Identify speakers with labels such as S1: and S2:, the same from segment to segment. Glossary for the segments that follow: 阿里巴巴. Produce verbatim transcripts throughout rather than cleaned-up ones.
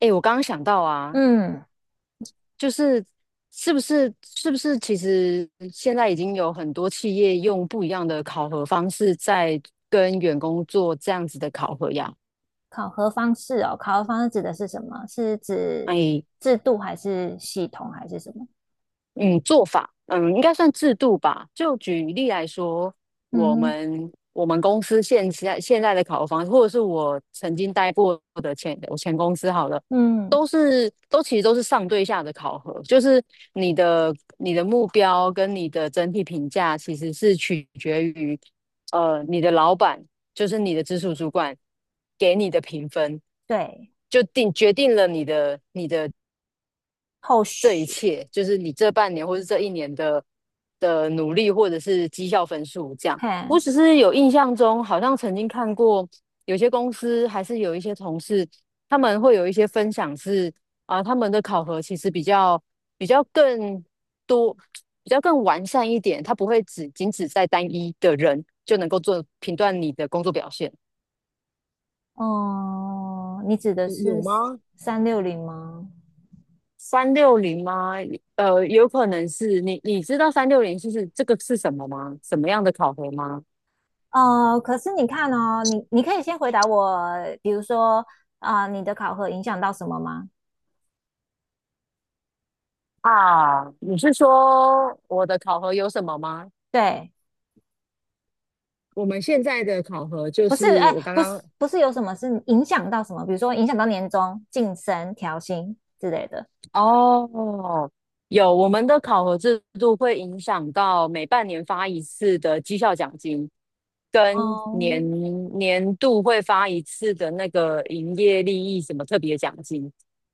S1: 哎，我刚刚想到啊，
S2: 嗯，
S1: 就是是不是是不是，其实现在已经有很多企业用不一样的考核方式在跟员工做这样子的考核呀？
S2: 考核方式哦，考核方式指的是什么？是指
S1: 哎，
S2: 制度还是系统还是什么？
S1: 嗯，做法，嗯，应该算制度吧。就举例来说，
S2: 嗯
S1: 我
S2: 哼，
S1: 们我们公司现在现在的考核方式，或者是我曾经待过的前我前公司好了，
S2: 嗯，
S1: 都是都其实都是上对下的考核，就是你的你的目标跟你的整体评价其实是取决于呃你的老板，就是你的直属主管给你的评分，
S2: 对，
S1: 就定决定了你的你的
S2: 后
S1: 这一
S2: 续，
S1: 切，就是你这半年或是这一年的的努力，或者是绩效分数这样。我
S2: 嘿，
S1: 只是有印象中，好像曾经看过有些公司还是有一些同事，他们会有一些分享是啊、他们的考核其实比较比较更多，比较更完善一点，它不会只仅只在单一的人就能够做评断你的工作表现。
S2: 哦、你指的
S1: 有有
S2: 是
S1: 吗？
S2: 三六零吗？
S1: 三六零吗？呃，有可能是你，你知道三六零就是这个是什么吗？什么样的考核吗？
S2: 哦、可是你看哦，你你可以先回答我，比如说啊、你的考核影响到什么吗？
S1: 啊，你是说我的考核有什么吗？
S2: 对，
S1: 我们现在的考核就
S2: 不是，
S1: 是
S2: 哎，
S1: 我刚
S2: 不是，
S1: 刚。
S2: 不是有什么是影响到什么？比如说影响到年终、晋升、调薪之类的。
S1: 哦，有，我们的考核制度会影响到每半年发一次的绩效奖金，跟
S2: 哦，
S1: 年年度会发一次的那个营业利益什么特别奖金，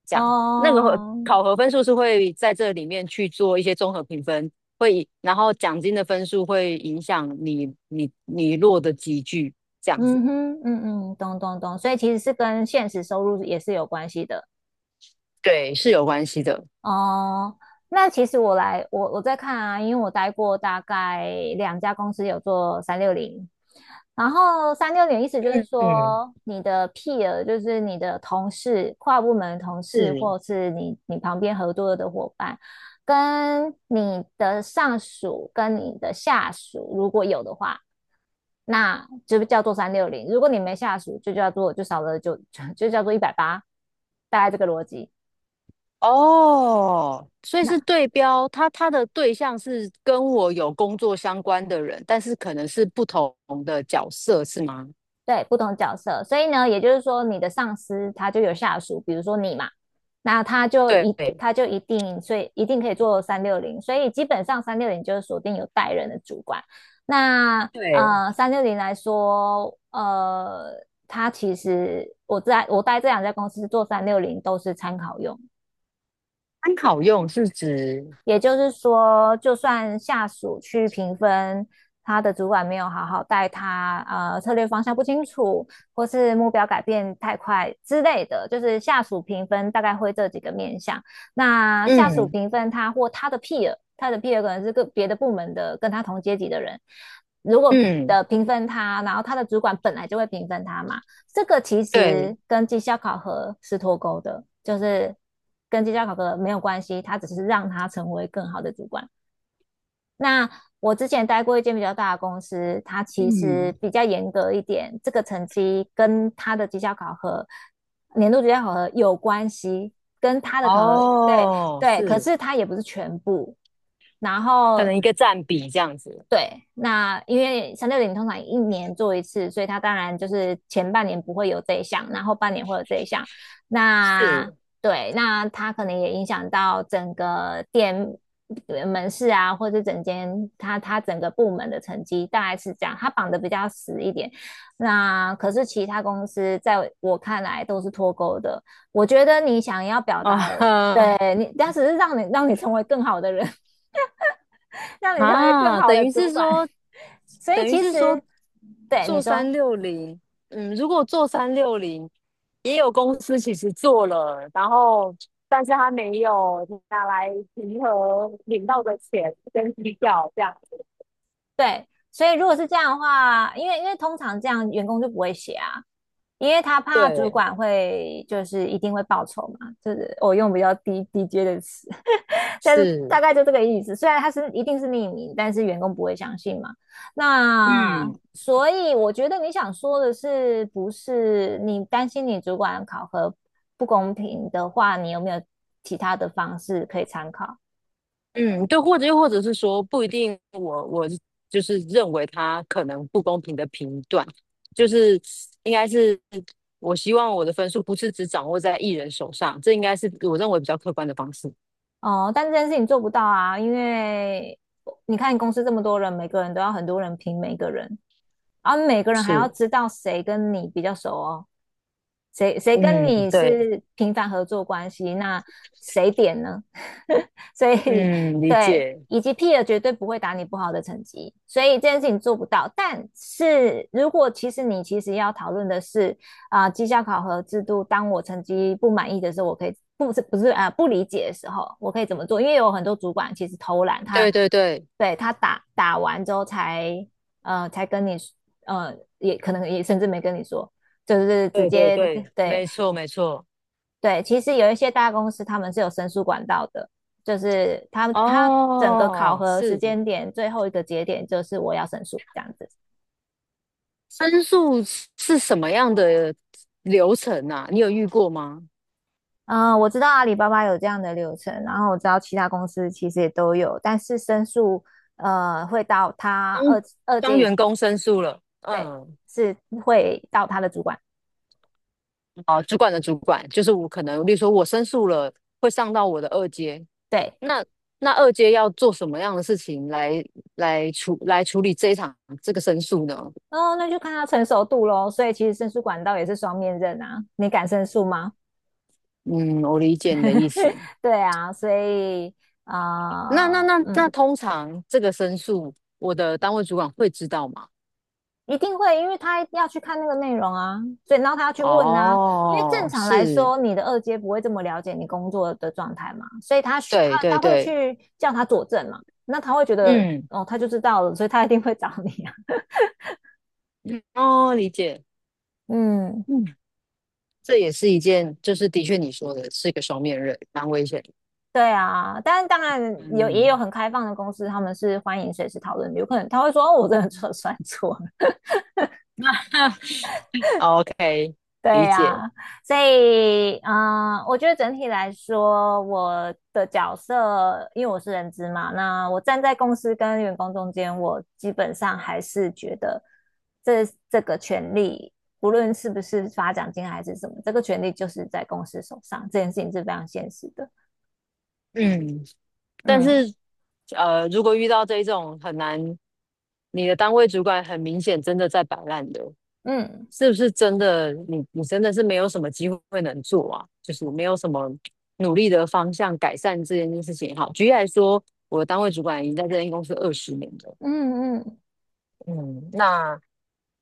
S1: 这样那个会
S2: 哦，
S1: 考核分数是会在这里面去做一些综合评分，会以然后奖金的分数会影响你你你落的集聚，这样子，
S2: 嗯哼，嗯嗯，懂懂懂，所以其实是跟现实收入也是有关系的。
S1: 对，是有关系的。
S2: 哦，那其实我来，我我在看啊，因为我待过大概两家公司有做三六零，然后三六零意思就是
S1: 嗯嗯，
S2: 说你的 peer 就是你的同事、跨部门的同事，
S1: 是。
S2: 或者是你你旁边合作的伙伴，跟你的上属跟你的下属，如果有的话，那就叫做三六零；如果你没下属，就叫做就少了就 就叫做一百八，大概这个逻辑。
S1: 哦，所以
S2: 那。
S1: 是对标，他他的对象是跟我有工作相关的人，但是可能是不同的角色，是吗？
S2: 对，不同角色，所以呢，也就是说，你的上司他就有下属，比如说你嘛，那他就
S1: 对
S2: 一
S1: 对，
S2: 他就一定，所以一定可以做三六零，所以基本上三六零就是锁定有带人的主管。那
S1: 对，
S2: 呃，三六零来说，呃，他其实我在我待这两家公司做三六零都是参考用，
S1: 参考用是指，
S2: 也就是说，就算下属去评分，他的主管没有好好带他，呃，策略方向不清楚，或是目标改变太快之类的，就是下属评分大概会这几个面向。那下属
S1: 嗯
S2: 评分他或他的 peer,他的 peer 可能是个别的部门的跟他同阶级的人，如果
S1: 嗯，
S2: 的评分他，然后他的主管本来就会评分他嘛，这个其
S1: 对，
S2: 实跟绩效考核是脱钩的，就是跟绩效考核没有关系，它只是让他成为更好的主管。那我之前待过一间比较大的公司，它其实
S1: 嗯，
S2: 比较严格一点，这个成绩跟它的绩效考核、年度绩效考核有关系，跟它的考核，对
S1: 哦，
S2: 对，可
S1: 是，
S2: 是它也不是全部。然
S1: 可
S2: 后
S1: 能一个占比这样子，
S2: 对，那因为三六零通常一年做一次，所以它当然就是前半年不会有这一项，然后半年会有这一项。
S1: 是
S2: 那对，那它可能也影响到整个店呃门市啊，或者整间它它整个部门的成绩，大概是这样。它绑的比较死一点。那可是其他公司在我看来都是脱钩的。我觉得你想要表
S1: 啊
S2: 达的，
S1: 哈
S2: 对你，但只是让你让你成为更好的人，让你成为更
S1: 啊，
S2: 好
S1: 等
S2: 的
S1: 于
S2: 主
S1: 是
S2: 管。
S1: 说，
S2: 所以
S1: 等于
S2: 其
S1: 是说。
S2: 实，对你
S1: 做三
S2: 说
S1: 六零，嗯，如果做三六零，也有公司其实做了，然后但是他没有拿来平衡领到的钱跟绩效这样子。
S2: 对，所以如果是这样的话，因为因为通常这样员工就不会写啊，因为他怕主
S1: 对，
S2: 管会就是一定会报酬嘛，就是我用比较低低阶的词，但是大
S1: 是，
S2: 概就这个意思。虽然他是一定是匿名，但是员工不会相信嘛。那
S1: 嗯
S2: 所以我觉得你想说的是，不是你担心你主管考核不公平的话，你有没有其他的方式可以参考？
S1: 嗯，对，或者又或者是说不一定我，我就是认为他可能不公平的评断，就是应该是我希望我的分数不是只掌握在艺人手上，这应该是我认为比较客观的方式。
S2: 哦，但这件事情做不到啊，因为你看公司这么多人，每个人都要很多人评每个人，而每个人还要
S1: 是。
S2: 知道谁跟你比较熟哦。谁谁跟
S1: 嗯，
S2: 你
S1: 对。
S2: 是频繁合作关系？那谁点呢？所以
S1: 嗯，理
S2: 对，
S1: 解。
S2: 以及 p e 绝对不会打你不好的成绩，所以这件事情做不到。但是如果其实你其实要讨论的是啊、呃绩效考核制度，当我成绩不满意的时候，我可以不是不是啊、呃不理解的时候，我可以怎么做？因为有很多主管其实偷懒，他
S1: 对对对
S2: 对他打打完之后才呃才跟你呃也可能也甚至没跟你说。就是直
S1: 对对
S2: 接
S1: 对，
S2: 对
S1: 没错没错。
S2: 对，其实有一些大公司他们是有申诉管道的，就是他他整个考
S1: 哦，
S2: 核时
S1: 是，
S2: 间点最后一个节点就是我要申诉这样子。
S1: 申诉是是什么样的流程啊？你有遇过吗？
S2: 嗯，我知道阿里巴巴有这样的流程，然后我知道其他公司其实也都有，但是申诉呃会到他
S1: 当
S2: 二二
S1: 当
S2: 阶
S1: 员工申诉了，
S2: 对，
S1: 嗯，
S2: 是会到他的主管，
S1: 哦，主管的主管，就是我可能，例如说我申诉了，会上到我的二阶，
S2: 对，
S1: 那那二阶要做什么样的事情来来处来处理这一场这个申诉呢？
S2: 哦，那就看他成熟度喽。所以其实申诉管道也是双面刃啊，你敢申诉吗？
S1: 嗯，我理解你的意 思。
S2: 对啊，所以
S1: 那那
S2: 啊、呃
S1: 那那
S2: 嗯，
S1: 通常这个申诉，我的单位主管会知道吗？
S2: 一定会，因为他要去看那个内容啊，所以然后他要去问啊，因为正
S1: 哦，
S2: 常来
S1: 是，
S2: 说，你的二阶不会这么了解你工作的状态嘛，所以他需他
S1: 对对
S2: 他会
S1: 对，
S2: 去叫他佐证嘛，那他会觉得
S1: 嗯，
S2: 哦，他就知道了，所以他一定会找你啊，
S1: 嗯哦，理解，
S2: 嗯。
S1: 嗯，这也是一件，就是的确你说的是一个双面刃，蛮危险的，
S2: 对啊，但是当然有也有
S1: 嗯
S2: 很开放的公司，他们是欢迎随时讨论的。有可能他会说："哦，我真的错算错。"
S1: ，OK，
S2: 对
S1: 理解，
S2: 呀，所以，嗯，我觉得整体来说，我的角色，因为我是人资嘛，那我站在公司跟员工中间，我基本上还是觉得这这个权利，不论是不是发奖金还是什么，这个权利就是在公司手上，这件事情是非常现实的。
S1: 嗯，但
S2: 嗯
S1: 是呃，如果遇到这一种很难，你的单位主管很明显真的在摆烂的，
S2: 嗯
S1: 是不是真的你你真的是没有什么机会能做啊？就是没有什么努力的方向改善这件事情也好。举例来说，我的单位主管已经在这间公司二十年了，
S2: 嗯嗯
S1: 嗯，那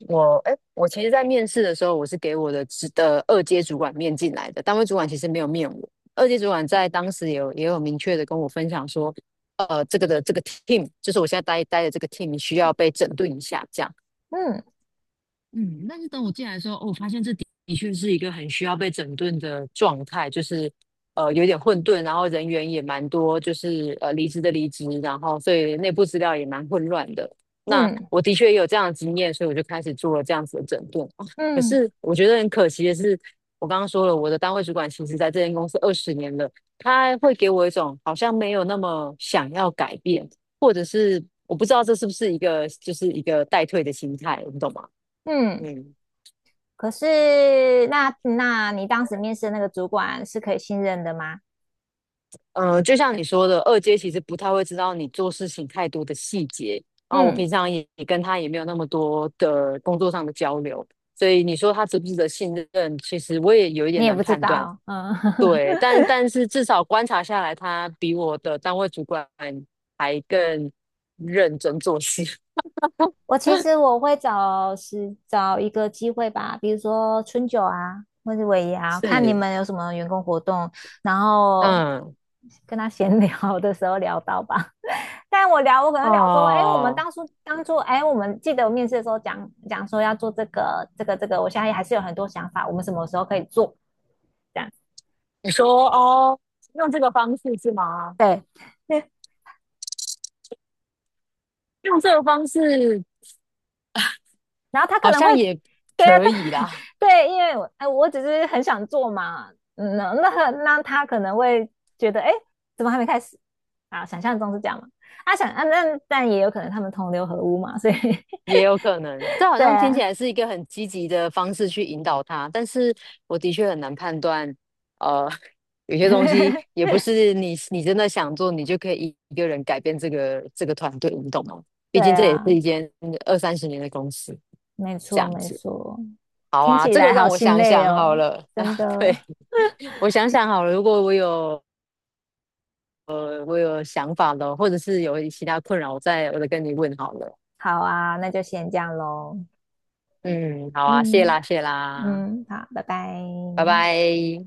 S1: 我哎，我其实，在面试的时候，我是给我的直的二阶主管面进来的，单位主管其实没有面我，二阶主管在当时也有也有明确的跟我分享说，呃，这个的这个 team，就是我现在待待的这个 team 需要被整顿一下，这样。
S2: 嗯
S1: 嗯，但是等我进来的时候，哦，我发现这的的确是一个很需要被整顿的状态，就是呃有点混沌，然后人员也蛮多，就是呃离职的离职，然后所以内部资料也蛮混乱的。那
S2: 嗯
S1: 我的确也有这样的经验，所以我就开始做了这样子的整顿。哦，可
S2: 嗯
S1: 是我觉得很可惜的是，我刚刚说了，我的单位主管其实在这间公司二十年了，他会给我一种好像没有那么想要改变，或者是我不知道这是不是一个就是一个待退的心态，你懂吗？
S2: 嗯。
S1: 嗯，
S2: 可是，那那你当时面试的那个主管是可以信任的吗？
S1: 呃，就像你说的，二阶其实不太会知道你做事情太多的细节，然后我
S2: 嗯。
S1: 平常也也跟他也没有那么多的工作上的交流，所以你说他值不值得信任，其实我也有一
S2: 你
S1: 点
S2: 也
S1: 难
S2: 不知
S1: 判断。
S2: 道，嗯，
S1: 对，但 但是至少观察下来，他比我的单位主管还更认真做事。
S2: 我其实我会找时找一个机会吧，比如说春酒啊，或者尾牙，看你
S1: 是，
S2: 们有什么员工活动，然后
S1: 嗯，
S2: 跟他闲 聊的时候聊到吧。但我聊，我可能聊说，哎，我们
S1: 哦，
S2: 当初当初，哎，我们记得我面试的时候讲讲说要做这个这个这个，我现在还是有很多想法，我们什么时候可以做？这样，
S1: 你说哦，用这个方式是吗？
S2: 对，
S1: 用这个方式
S2: 然后他可
S1: 好
S2: 能会，
S1: 像也
S2: 对啊，
S1: 可
S2: 他
S1: 以啦。
S2: 对，因为我哎，我只是很想做嘛，嗯，那那那他可能会觉得，哎，怎么还没开始啊？想象中是这样嘛？啊，想啊，那但也有可能他们同流合污嘛，所以
S1: 也有可能，这 好
S2: 对
S1: 像听起
S2: 啊，
S1: 来是一个很积极的方式去引导他，但是我的确很难判断，呃，有些东西 也不是你你真的想做，你就可以一个人改变这个这个团队，你懂吗？毕
S2: 对
S1: 竟这也
S2: 啊，
S1: 是一间二三十年的公司，
S2: 没
S1: 这
S2: 错
S1: 样
S2: 没
S1: 子。
S2: 错，
S1: 好
S2: 听
S1: 啊，
S2: 起
S1: 这个
S2: 来
S1: 让
S2: 好
S1: 我
S2: 心
S1: 想
S2: 累
S1: 想好
S2: 哦，
S1: 了 啊，
S2: 真
S1: 对，
S2: 的。
S1: 我想想好了，如果我有呃我有想法了，或者是有其他困扰，我再我再跟你问好了。
S2: 好啊，那就先这样喽。
S1: 嗯，好啊，谢
S2: 嗯
S1: 啦谢啦，
S2: 嗯，好，拜拜。
S1: 拜拜。